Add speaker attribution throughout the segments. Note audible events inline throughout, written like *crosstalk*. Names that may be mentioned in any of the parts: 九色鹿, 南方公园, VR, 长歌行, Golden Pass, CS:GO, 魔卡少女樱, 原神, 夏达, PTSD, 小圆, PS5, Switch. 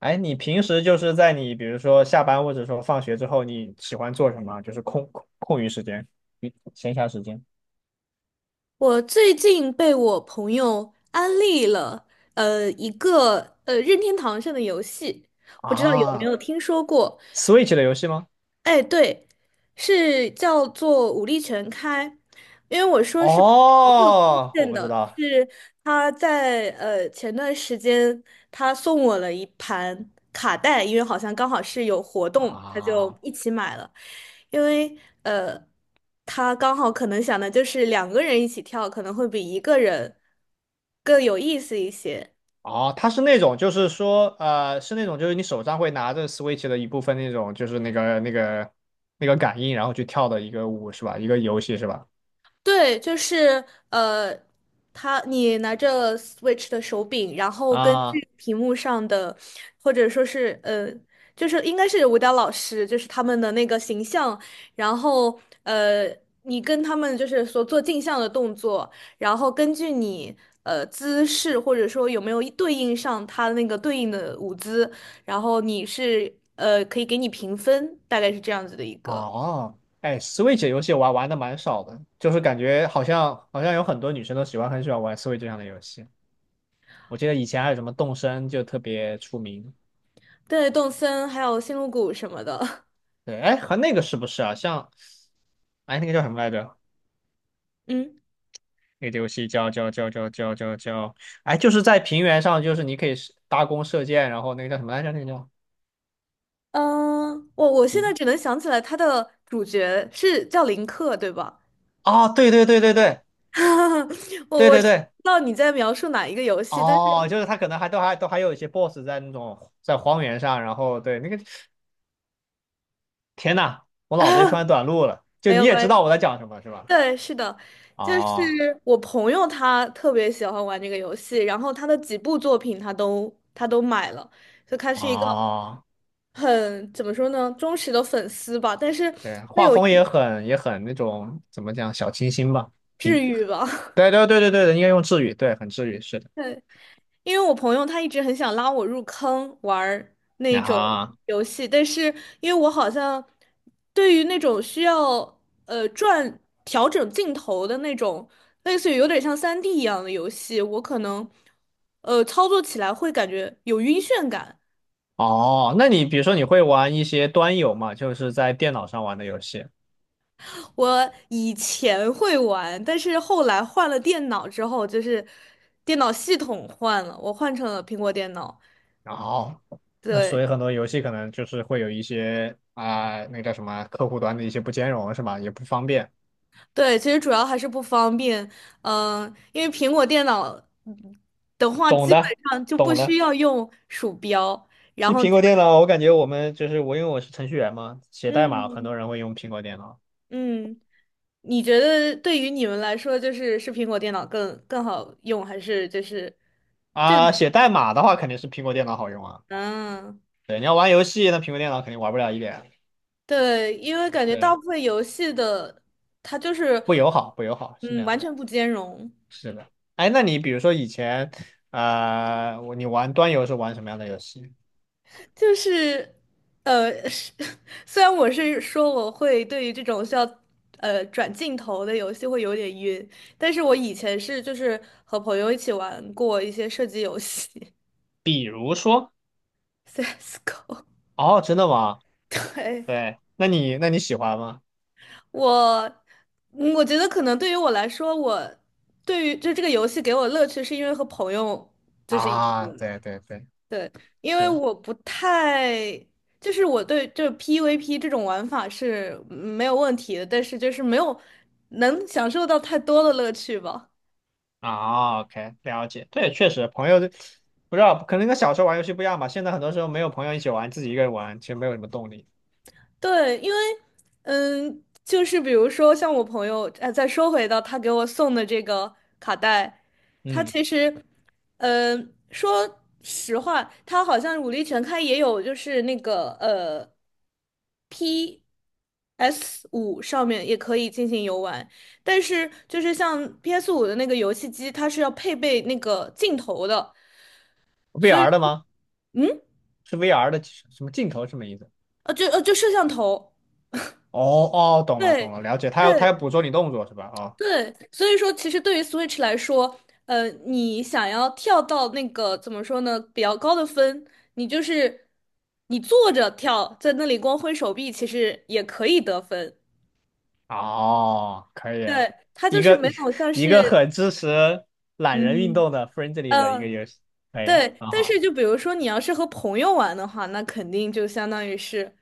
Speaker 1: 哎，你平时就是在你比如说下班或者说放学之后，你喜欢做什么？就是空余时间、闲暇时间
Speaker 2: 我最近被我朋友安利了，一个任天堂上的游戏，不知道有没
Speaker 1: 啊
Speaker 2: 有听说过？
Speaker 1: ？Switch 的游戏吗？
Speaker 2: 哎，对，是叫做武力全开，因为我说是没有推
Speaker 1: 哦，我
Speaker 2: 荐
Speaker 1: 不知
Speaker 2: 的，
Speaker 1: 道
Speaker 2: 是他在前段时间他送我了一盘卡带，因为好像刚好是有活动，他
Speaker 1: 啊。
Speaker 2: 就一起买了，因为呃他刚好可能想的就是两个人一起跳可能会比一个人更有意思一些。
Speaker 1: 哦，它是那种，就是说，是那种，就是你手上会拿着 Switch 的一部分那种，就是那个感应，然后去跳的一个舞是吧？一个游戏是吧？
Speaker 2: 对，就是呃，他你拿着 Switch 的手柄，然后根
Speaker 1: 啊。
Speaker 2: 据屏幕上的，或者说是就是应该是舞蹈老师，就是他们的那个形象，然后你跟他们就是所做镜像的动作，然后根据你姿势或者说有没有对应上他那个对应的舞姿，然后你是可以给你评分，大概是这样子的一个。
Speaker 1: 哦，哎，Switch 游戏我玩的蛮少的，就是感觉好像有很多女生都很喜欢玩 Switch 上的游戏。我记得以前还有什么动森就特别出名。
Speaker 2: 对，动森还有星露谷什么的，
Speaker 1: 对，哎，和那个是不是啊？像，哎，那个叫什么来着？
Speaker 2: *laughs* 嗯。
Speaker 1: 那个游戏叫，哎，就是在平原上，就是你可以是搭弓射箭，然后那个叫什么来着？那个叫，
Speaker 2: 嗯，我现在
Speaker 1: 嗯，
Speaker 2: 只能想起来他的主角是叫林克，对吧？
Speaker 1: 哦，对对对对对
Speaker 2: *laughs* 我
Speaker 1: 对
Speaker 2: 我
Speaker 1: 对
Speaker 2: 知
Speaker 1: 对。
Speaker 2: 道你在描述哪一个游戏，但
Speaker 1: 哦，
Speaker 2: 是
Speaker 1: 就是他可能还有一些 boss 在那种在荒原上，然后对那个天呐，我脑子里突然
Speaker 2: *laughs*
Speaker 1: 短路了。就
Speaker 2: 没
Speaker 1: 你
Speaker 2: 有
Speaker 1: 也
Speaker 2: 关
Speaker 1: 知
Speaker 2: 系。
Speaker 1: 道我在讲什么，是吧？
Speaker 2: 对，是的，就是
Speaker 1: 哦
Speaker 2: 我朋友他特别喜欢玩这个游戏，然后他的几部作品他都买了，就他是一个
Speaker 1: 哦，
Speaker 2: 很怎么说呢，忠实的粉丝吧，但是
Speaker 1: 对，
Speaker 2: 他
Speaker 1: 画
Speaker 2: 有一
Speaker 1: 风也很那种怎么讲小清新吧，
Speaker 2: 治
Speaker 1: 平。
Speaker 2: 愈吧。*laughs*
Speaker 1: 对对对对对，应该用治愈，对，很治愈，是的。
Speaker 2: 对，因为我朋友他一直很想拉我入坑玩儿那
Speaker 1: 啊
Speaker 2: 种
Speaker 1: 哈，
Speaker 2: 游戏，但是因为我好像对于那种需要呃转调整镜头的那种，类似于有点像3D 一样的游戏，我可能操作起来会感觉有晕眩感。
Speaker 1: 哦，那你比如说你会玩一些端游嘛，就是在电脑上玩的游戏。
Speaker 2: 我以前会玩，但是后来换了电脑之后，就是电脑系统换了，我换成了苹果电脑，
Speaker 1: 然后，那
Speaker 2: 对。
Speaker 1: 所以很多游戏可能就是会有一些啊、那个叫什么客户端的一些不兼容，是吧？也不方便。
Speaker 2: 对，其实主要还是不方便，因为苹果电脑嗯的话，
Speaker 1: 懂
Speaker 2: 基本
Speaker 1: 的，
Speaker 2: 上就不
Speaker 1: 懂
Speaker 2: 需
Speaker 1: 的。
Speaker 2: 要用鼠标，然
Speaker 1: 其实
Speaker 2: 后
Speaker 1: 苹
Speaker 2: 基
Speaker 1: 果电
Speaker 2: 本，
Speaker 1: 脑，我感觉我，因为我是程序员嘛，写代码很多
Speaker 2: 嗯
Speaker 1: 人会用苹果电脑
Speaker 2: 嗯，你觉得对于你们来说，就是是苹果电脑更好用，还是就是这？
Speaker 1: 啊。写代码的话，肯定是苹果电脑好用啊。
Speaker 2: 嗯，
Speaker 1: 对，你要玩游戏，那苹果电脑肯定玩不了一点。
Speaker 2: 对，因为感觉大
Speaker 1: 对，
Speaker 2: 部分游戏的它就是，
Speaker 1: 不友好，不友好，是这
Speaker 2: 嗯，
Speaker 1: 样
Speaker 2: 完
Speaker 1: 的，
Speaker 2: 全不兼容。
Speaker 1: 是的。哎，那你比如说以前，你玩端游是玩什么样的游戏？
Speaker 2: 就是，是 *laughs* 虽然我是说我会对于这种需要转镜头的游戏会有点晕，但是我以前是就是和朋友一起玩过一些射击游戏
Speaker 1: 比如说，
Speaker 2: ，CS:GO
Speaker 1: 哦，真的吗？
Speaker 2: *laughs*。对，
Speaker 1: 对，那你喜欢吗？
Speaker 2: 我，我觉得可能对于我来说，我对于就这个游戏给我乐趣，是因为和朋友就是一起
Speaker 1: 啊，对对对，
Speaker 2: 因为
Speaker 1: 是。
Speaker 2: 我不太，就是我对这 PVP 这种玩法是没有问题的，但是就是没有能享受到太多的乐趣吧。
Speaker 1: 啊，OK，了解。对，确实，朋友不知道，可能跟小时候玩游戏不一样吧。现在很多时候没有朋友一起玩，自己一个人玩，其实没有什么动力。
Speaker 2: 对，因为嗯，就是比如说像我朋友，再说回到他给我送的这个卡带，他
Speaker 1: 嗯
Speaker 2: 其实，说实话，他好像武力全开也有，就是那个P S 五上面也可以进行游玩，但是就是像 P S 五的那个游戏机，它是要配备那个镜头的，所以
Speaker 1: ，VR 的吗？
Speaker 2: 嗯，
Speaker 1: 是 VR 的什么镜头什么意思？
Speaker 2: 就摄像头，
Speaker 1: 哦哦，懂了懂
Speaker 2: 对。
Speaker 1: 了，了解。他要他
Speaker 2: 对，
Speaker 1: 要捕捉你动作是吧？哦
Speaker 2: 对，所以说其实对于 Switch 来说，你想要跳到那个怎么说呢，比较高的分，你就是你坐着跳，在那里光挥手臂，其实也可以得分。
Speaker 1: 哦，可以，
Speaker 2: 对，它
Speaker 1: 一
Speaker 2: 就是
Speaker 1: 个
Speaker 2: 没
Speaker 1: *laughs*
Speaker 2: 有像
Speaker 1: 一个
Speaker 2: 是，
Speaker 1: 很支持懒人运
Speaker 2: 嗯嗯，
Speaker 1: 动的 friendly 的一个
Speaker 2: 呃
Speaker 1: 游戏，可以，
Speaker 2: 对。
Speaker 1: 很
Speaker 2: 但
Speaker 1: 好。
Speaker 2: 是就比如说你要是和朋友玩的话，那肯定就相当于是。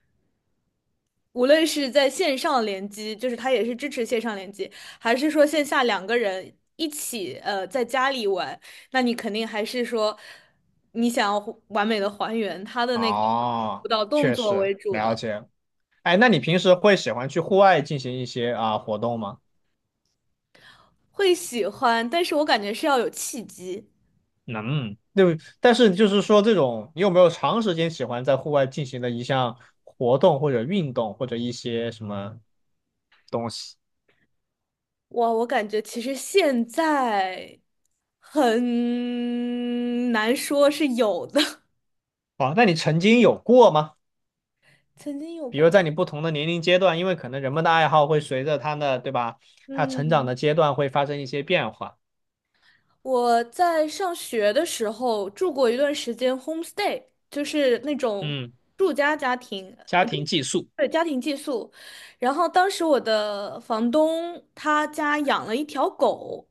Speaker 2: 无论是在线上联机，就是它也是支持线上联机，还是说线下两个人一起在家里玩，那你肯定还是说你想要还完美的还原它的那个舞
Speaker 1: 哦，
Speaker 2: 蹈动
Speaker 1: 确
Speaker 2: 作
Speaker 1: 实
Speaker 2: 为主
Speaker 1: 了
Speaker 2: 的，
Speaker 1: 解。哎，那你平时会喜欢去户外进行一些啊、活动吗？
Speaker 2: 会喜欢，但是我感觉是要有契机。
Speaker 1: 能，对，但是就是说，这种你有没有长时间喜欢在户外进行的一项活动或者运动或者一些什么东西？
Speaker 2: 哇，我感觉其实现在很难说是有的，
Speaker 1: 哦，那你曾经有过吗？
Speaker 2: *laughs* 曾经有
Speaker 1: 比
Speaker 2: 过，
Speaker 1: 如在你不同的年龄阶段，因为可能人们的爱好会随着他的，对吧？他成长
Speaker 2: 嗯。
Speaker 1: 的阶段会发生一些变化。
Speaker 2: 我在上学的时候住过一段时间 homestay，就是那种
Speaker 1: 嗯，
Speaker 2: 住家家庭，
Speaker 1: 家
Speaker 2: 呃
Speaker 1: 庭
Speaker 2: 住，
Speaker 1: 寄宿。
Speaker 2: 对，家庭寄宿。然后当时我的房东他家养了一条狗，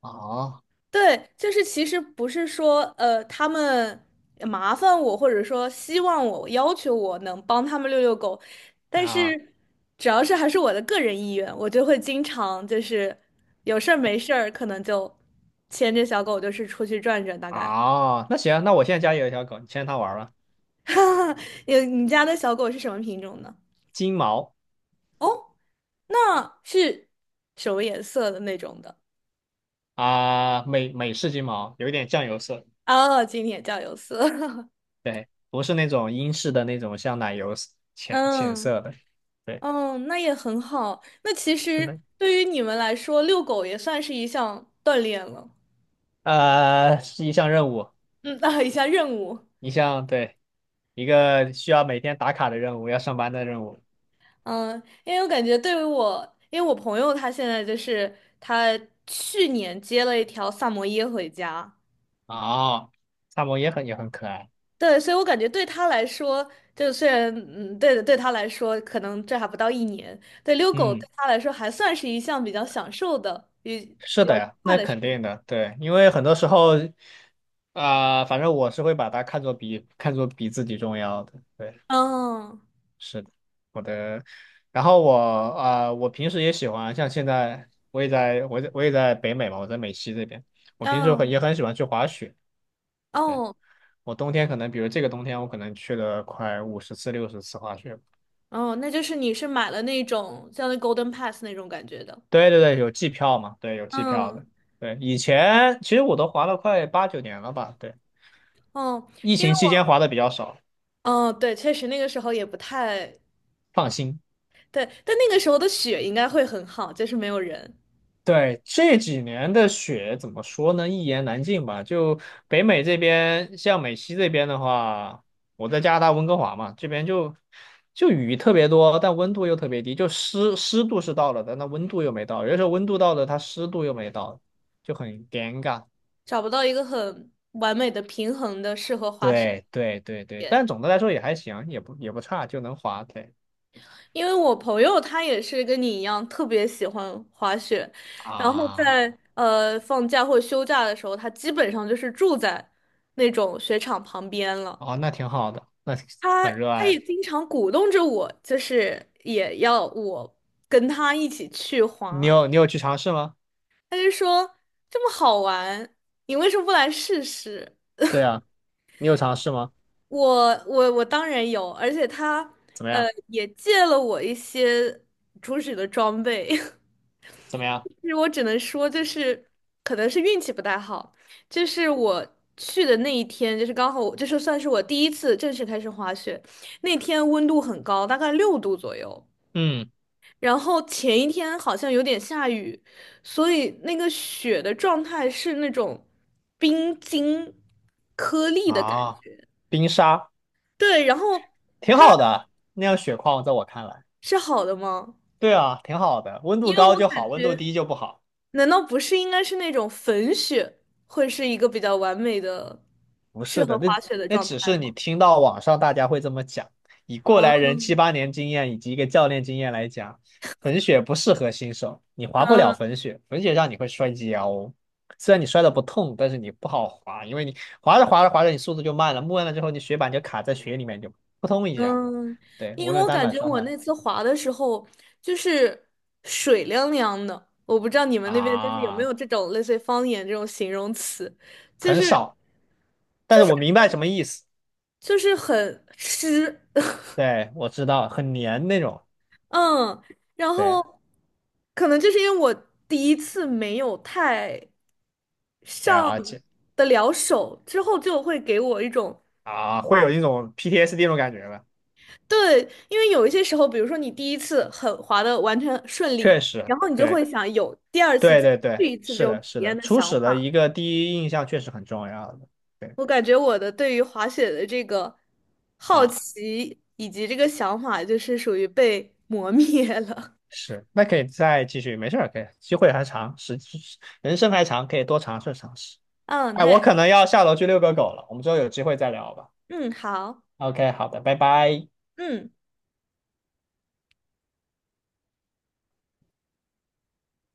Speaker 1: 哦，
Speaker 2: 对，就是其实不是说他们麻烦我，或者说希望我、要求我能帮他们遛遛狗，但
Speaker 1: 那
Speaker 2: 是只要是还是我的个人意愿，我就会经常就是有事儿没事儿，可能就牵着小狗就是出去转转，大概。
Speaker 1: 那行，那我现在家里有一条狗，你牵它玩儿吧，
Speaker 2: *laughs* 有你家的小狗是什么品种呢？
Speaker 1: 金毛
Speaker 2: 哦，那是什么颜色的那种的？
Speaker 1: 啊，美式金毛，有一点酱油色。
Speaker 2: 哦，今天叫有色。
Speaker 1: 对，不是那种英式的那种像奶油色
Speaker 2: *laughs*
Speaker 1: 浅浅
Speaker 2: 嗯。
Speaker 1: 色的，对，
Speaker 2: 嗯，那也很好。那其
Speaker 1: 是的，
Speaker 2: 实对于你们来说，遛狗也算是一项锻炼了。
Speaker 1: 是一项任务，
Speaker 2: 嗯，啊，一项任务。
Speaker 1: 对，一个需要每天打卡的任务，要上班的任务。
Speaker 2: 嗯，因为我感觉对于我，因为我朋友他现在就是他去年接了一条萨摩耶回家，
Speaker 1: 哦，萨摩耶也很可爱，
Speaker 2: 对，所以我感觉对他来说，就虽然对的对他来说可能这还不到一年，对，遛狗
Speaker 1: 嗯，
Speaker 2: 对他来说还算是一项比较享受的、比
Speaker 1: 是
Speaker 2: 比
Speaker 1: 的
Speaker 2: 较愉
Speaker 1: 呀，
Speaker 2: 快
Speaker 1: 那
Speaker 2: 的事
Speaker 1: 肯定
Speaker 2: 情。
Speaker 1: 的，对，因为很多时候，啊、反正我是会把它看作比自己重要的，对。
Speaker 2: 嗯
Speaker 1: 是的，我的。然后我平时也喜欢，像现在我也在北美嘛，我在美西这边。我平时很
Speaker 2: 嗯
Speaker 1: 也很喜欢去滑雪。对，
Speaker 2: 哦。
Speaker 1: 我冬天可能，比如这个冬天，我可能去了快50次、60次滑雪。
Speaker 2: 哦，那就是你是买了那种像那 Golden Pass 那种感觉的。
Speaker 1: 对对对，有季票嘛？对，有季票
Speaker 2: 嗯，
Speaker 1: 的。对，以前其实我都滑了快8、9年了吧？对，
Speaker 2: 哦，
Speaker 1: 疫
Speaker 2: 因为
Speaker 1: 情期间滑的比较少，
Speaker 2: 我，哦，对，确实那个时候也不太
Speaker 1: 放心。
Speaker 2: 对，但那个时候的雪应该会很好，就是没有人，
Speaker 1: 对，这几年的雪怎么说呢？一言难尽吧。就北美这边，像美西这边的话，我在加拿大温哥华嘛，这边就雨特别多，但温度又特别低，就湿度是到了的，但那温度又没到，有的时候温度到了，它湿度又没到，就很尴尬。
Speaker 2: 找不到一个很完美的平衡的适合滑雪
Speaker 1: 对对对对，
Speaker 2: 点。
Speaker 1: 但总的来说也还行，也不差，就能滑。对
Speaker 2: 因为我朋友他也是跟你一样特别喜欢滑雪，然后
Speaker 1: 啊，
Speaker 2: 在放假或休假的时候，他基本上就是住在那种雪场旁边了。
Speaker 1: 哦，那挺好的，那
Speaker 2: 他
Speaker 1: 很热
Speaker 2: 他也
Speaker 1: 爱。
Speaker 2: 经常鼓动着我，就是也要我跟他一起去
Speaker 1: 你
Speaker 2: 滑。
Speaker 1: 有你有去尝试吗？
Speaker 2: 他就说这么好玩，你为什么不来试试？
Speaker 1: 对啊，你有尝试吗？
Speaker 2: 我当然有，而且他
Speaker 1: 怎么样？
Speaker 2: 也借了我一些初始的装备。*laughs*
Speaker 1: 怎么样？
Speaker 2: 其实我只能说，就是可能是运气不太好，就是我去的那一天，就是刚好我，就是算是我第一次正式开始滑雪，那天温度很高，大概6度左右。
Speaker 1: 嗯，
Speaker 2: 然后前一天好像有点下雨，所以那个雪的状态是那种冰晶颗粒的感
Speaker 1: 啊，
Speaker 2: 觉。
Speaker 1: 冰沙
Speaker 2: 对，然后
Speaker 1: 挺好的，那样雪况在我看来，
Speaker 2: 是好的吗？
Speaker 1: 对啊，挺好的，温度
Speaker 2: 因为我
Speaker 1: 高就
Speaker 2: 感
Speaker 1: 好，温度
Speaker 2: 觉，
Speaker 1: 低就不好。
Speaker 2: 难道不是应该是那种粉雪会是一个比较完美的
Speaker 1: 不
Speaker 2: 适
Speaker 1: 是的，
Speaker 2: 合
Speaker 1: 那
Speaker 2: 滑雪的
Speaker 1: 那
Speaker 2: 状
Speaker 1: 只
Speaker 2: 态
Speaker 1: 是你
Speaker 2: 吗？
Speaker 1: 听到网上大家会这么讲，以过来
Speaker 2: 嗯
Speaker 1: 人7、8年经验以及一个教练经验来讲，粉雪不适合新手，你滑不了
Speaker 2: 嗯。
Speaker 1: 粉雪，粉雪上你会摔跤哦，虽然你摔的不痛，但是你不好滑，因为你滑着滑着滑着你速度就慢了，慢了之后你雪板就卡在雪里面就扑通一下，
Speaker 2: 嗯，
Speaker 1: 对，
Speaker 2: 因
Speaker 1: 无
Speaker 2: 为
Speaker 1: 论
Speaker 2: 我
Speaker 1: 单
Speaker 2: 感
Speaker 1: 板
Speaker 2: 觉
Speaker 1: 双
Speaker 2: 我
Speaker 1: 板。
Speaker 2: 那次滑的时候，就是水凉凉的，我不知道你们那边就是有没
Speaker 1: 啊。
Speaker 2: 有这种类似于方言这种形容词，就
Speaker 1: 很
Speaker 2: 是
Speaker 1: 少，但是我明白什么意思。
Speaker 2: 就是很湿，*laughs*
Speaker 1: 对，我知道，很黏那种。
Speaker 2: 嗯，然
Speaker 1: 对，
Speaker 2: 后可能就是因为我第一次没有太
Speaker 1: 对解
Speaker 2: 上
Speaker 1: 而且
Speaker 2: 得了手，之后就会给我一种
Speaker 1: 啊，会有一种 PTSD 那种感觉吧？
Speaker 2: 对，因为有一些时候，比如说你第一次很滑的完全顺利，
Speaker 1: 确实，
Speaker 2: 然后你就
Speaker 1: 对，
Speaker 2: 会想有第二次
Speaker 1: 对
Speaker 2: 再
Speaker 1: 对对，
Speaker 2: 去一次这
Speaker 1: 是
Speaker 2: 种
Speaker 1: 的，
Speaker 2: 体
Speaker 1: 是
Speaker 2: 验
Speaker 1: 的，
Speaker 2: 的
Speaker 1: 初
Speaker 2: 想
Speaker 1: 始的
Speaker 2: 法。
Speaker 1: 一个第一印象确实很重要的。对
Speaker 2: 我感觉我的对于滑雪的这个好
Speaker 1: 啊，
Speaker 2: 奇以及这个想法，就是属于被磨灭了。
Speaker 1: 是，那可以再继续，没事儿，可以，机会还长，*laughs* 人生还长，可以多尝试尝试。
Speaker 2: *laughs* 嗯，
Speaker 1: 哎，我
Speaker 2: 对，
Speaker 1: 可能要下楼去遛个狗了，我们之后有机会再聊吧。
Speaker 2: 嗯，好，
Speaker 1: OK，好的，拜拜。
Speaker 2: 嗯。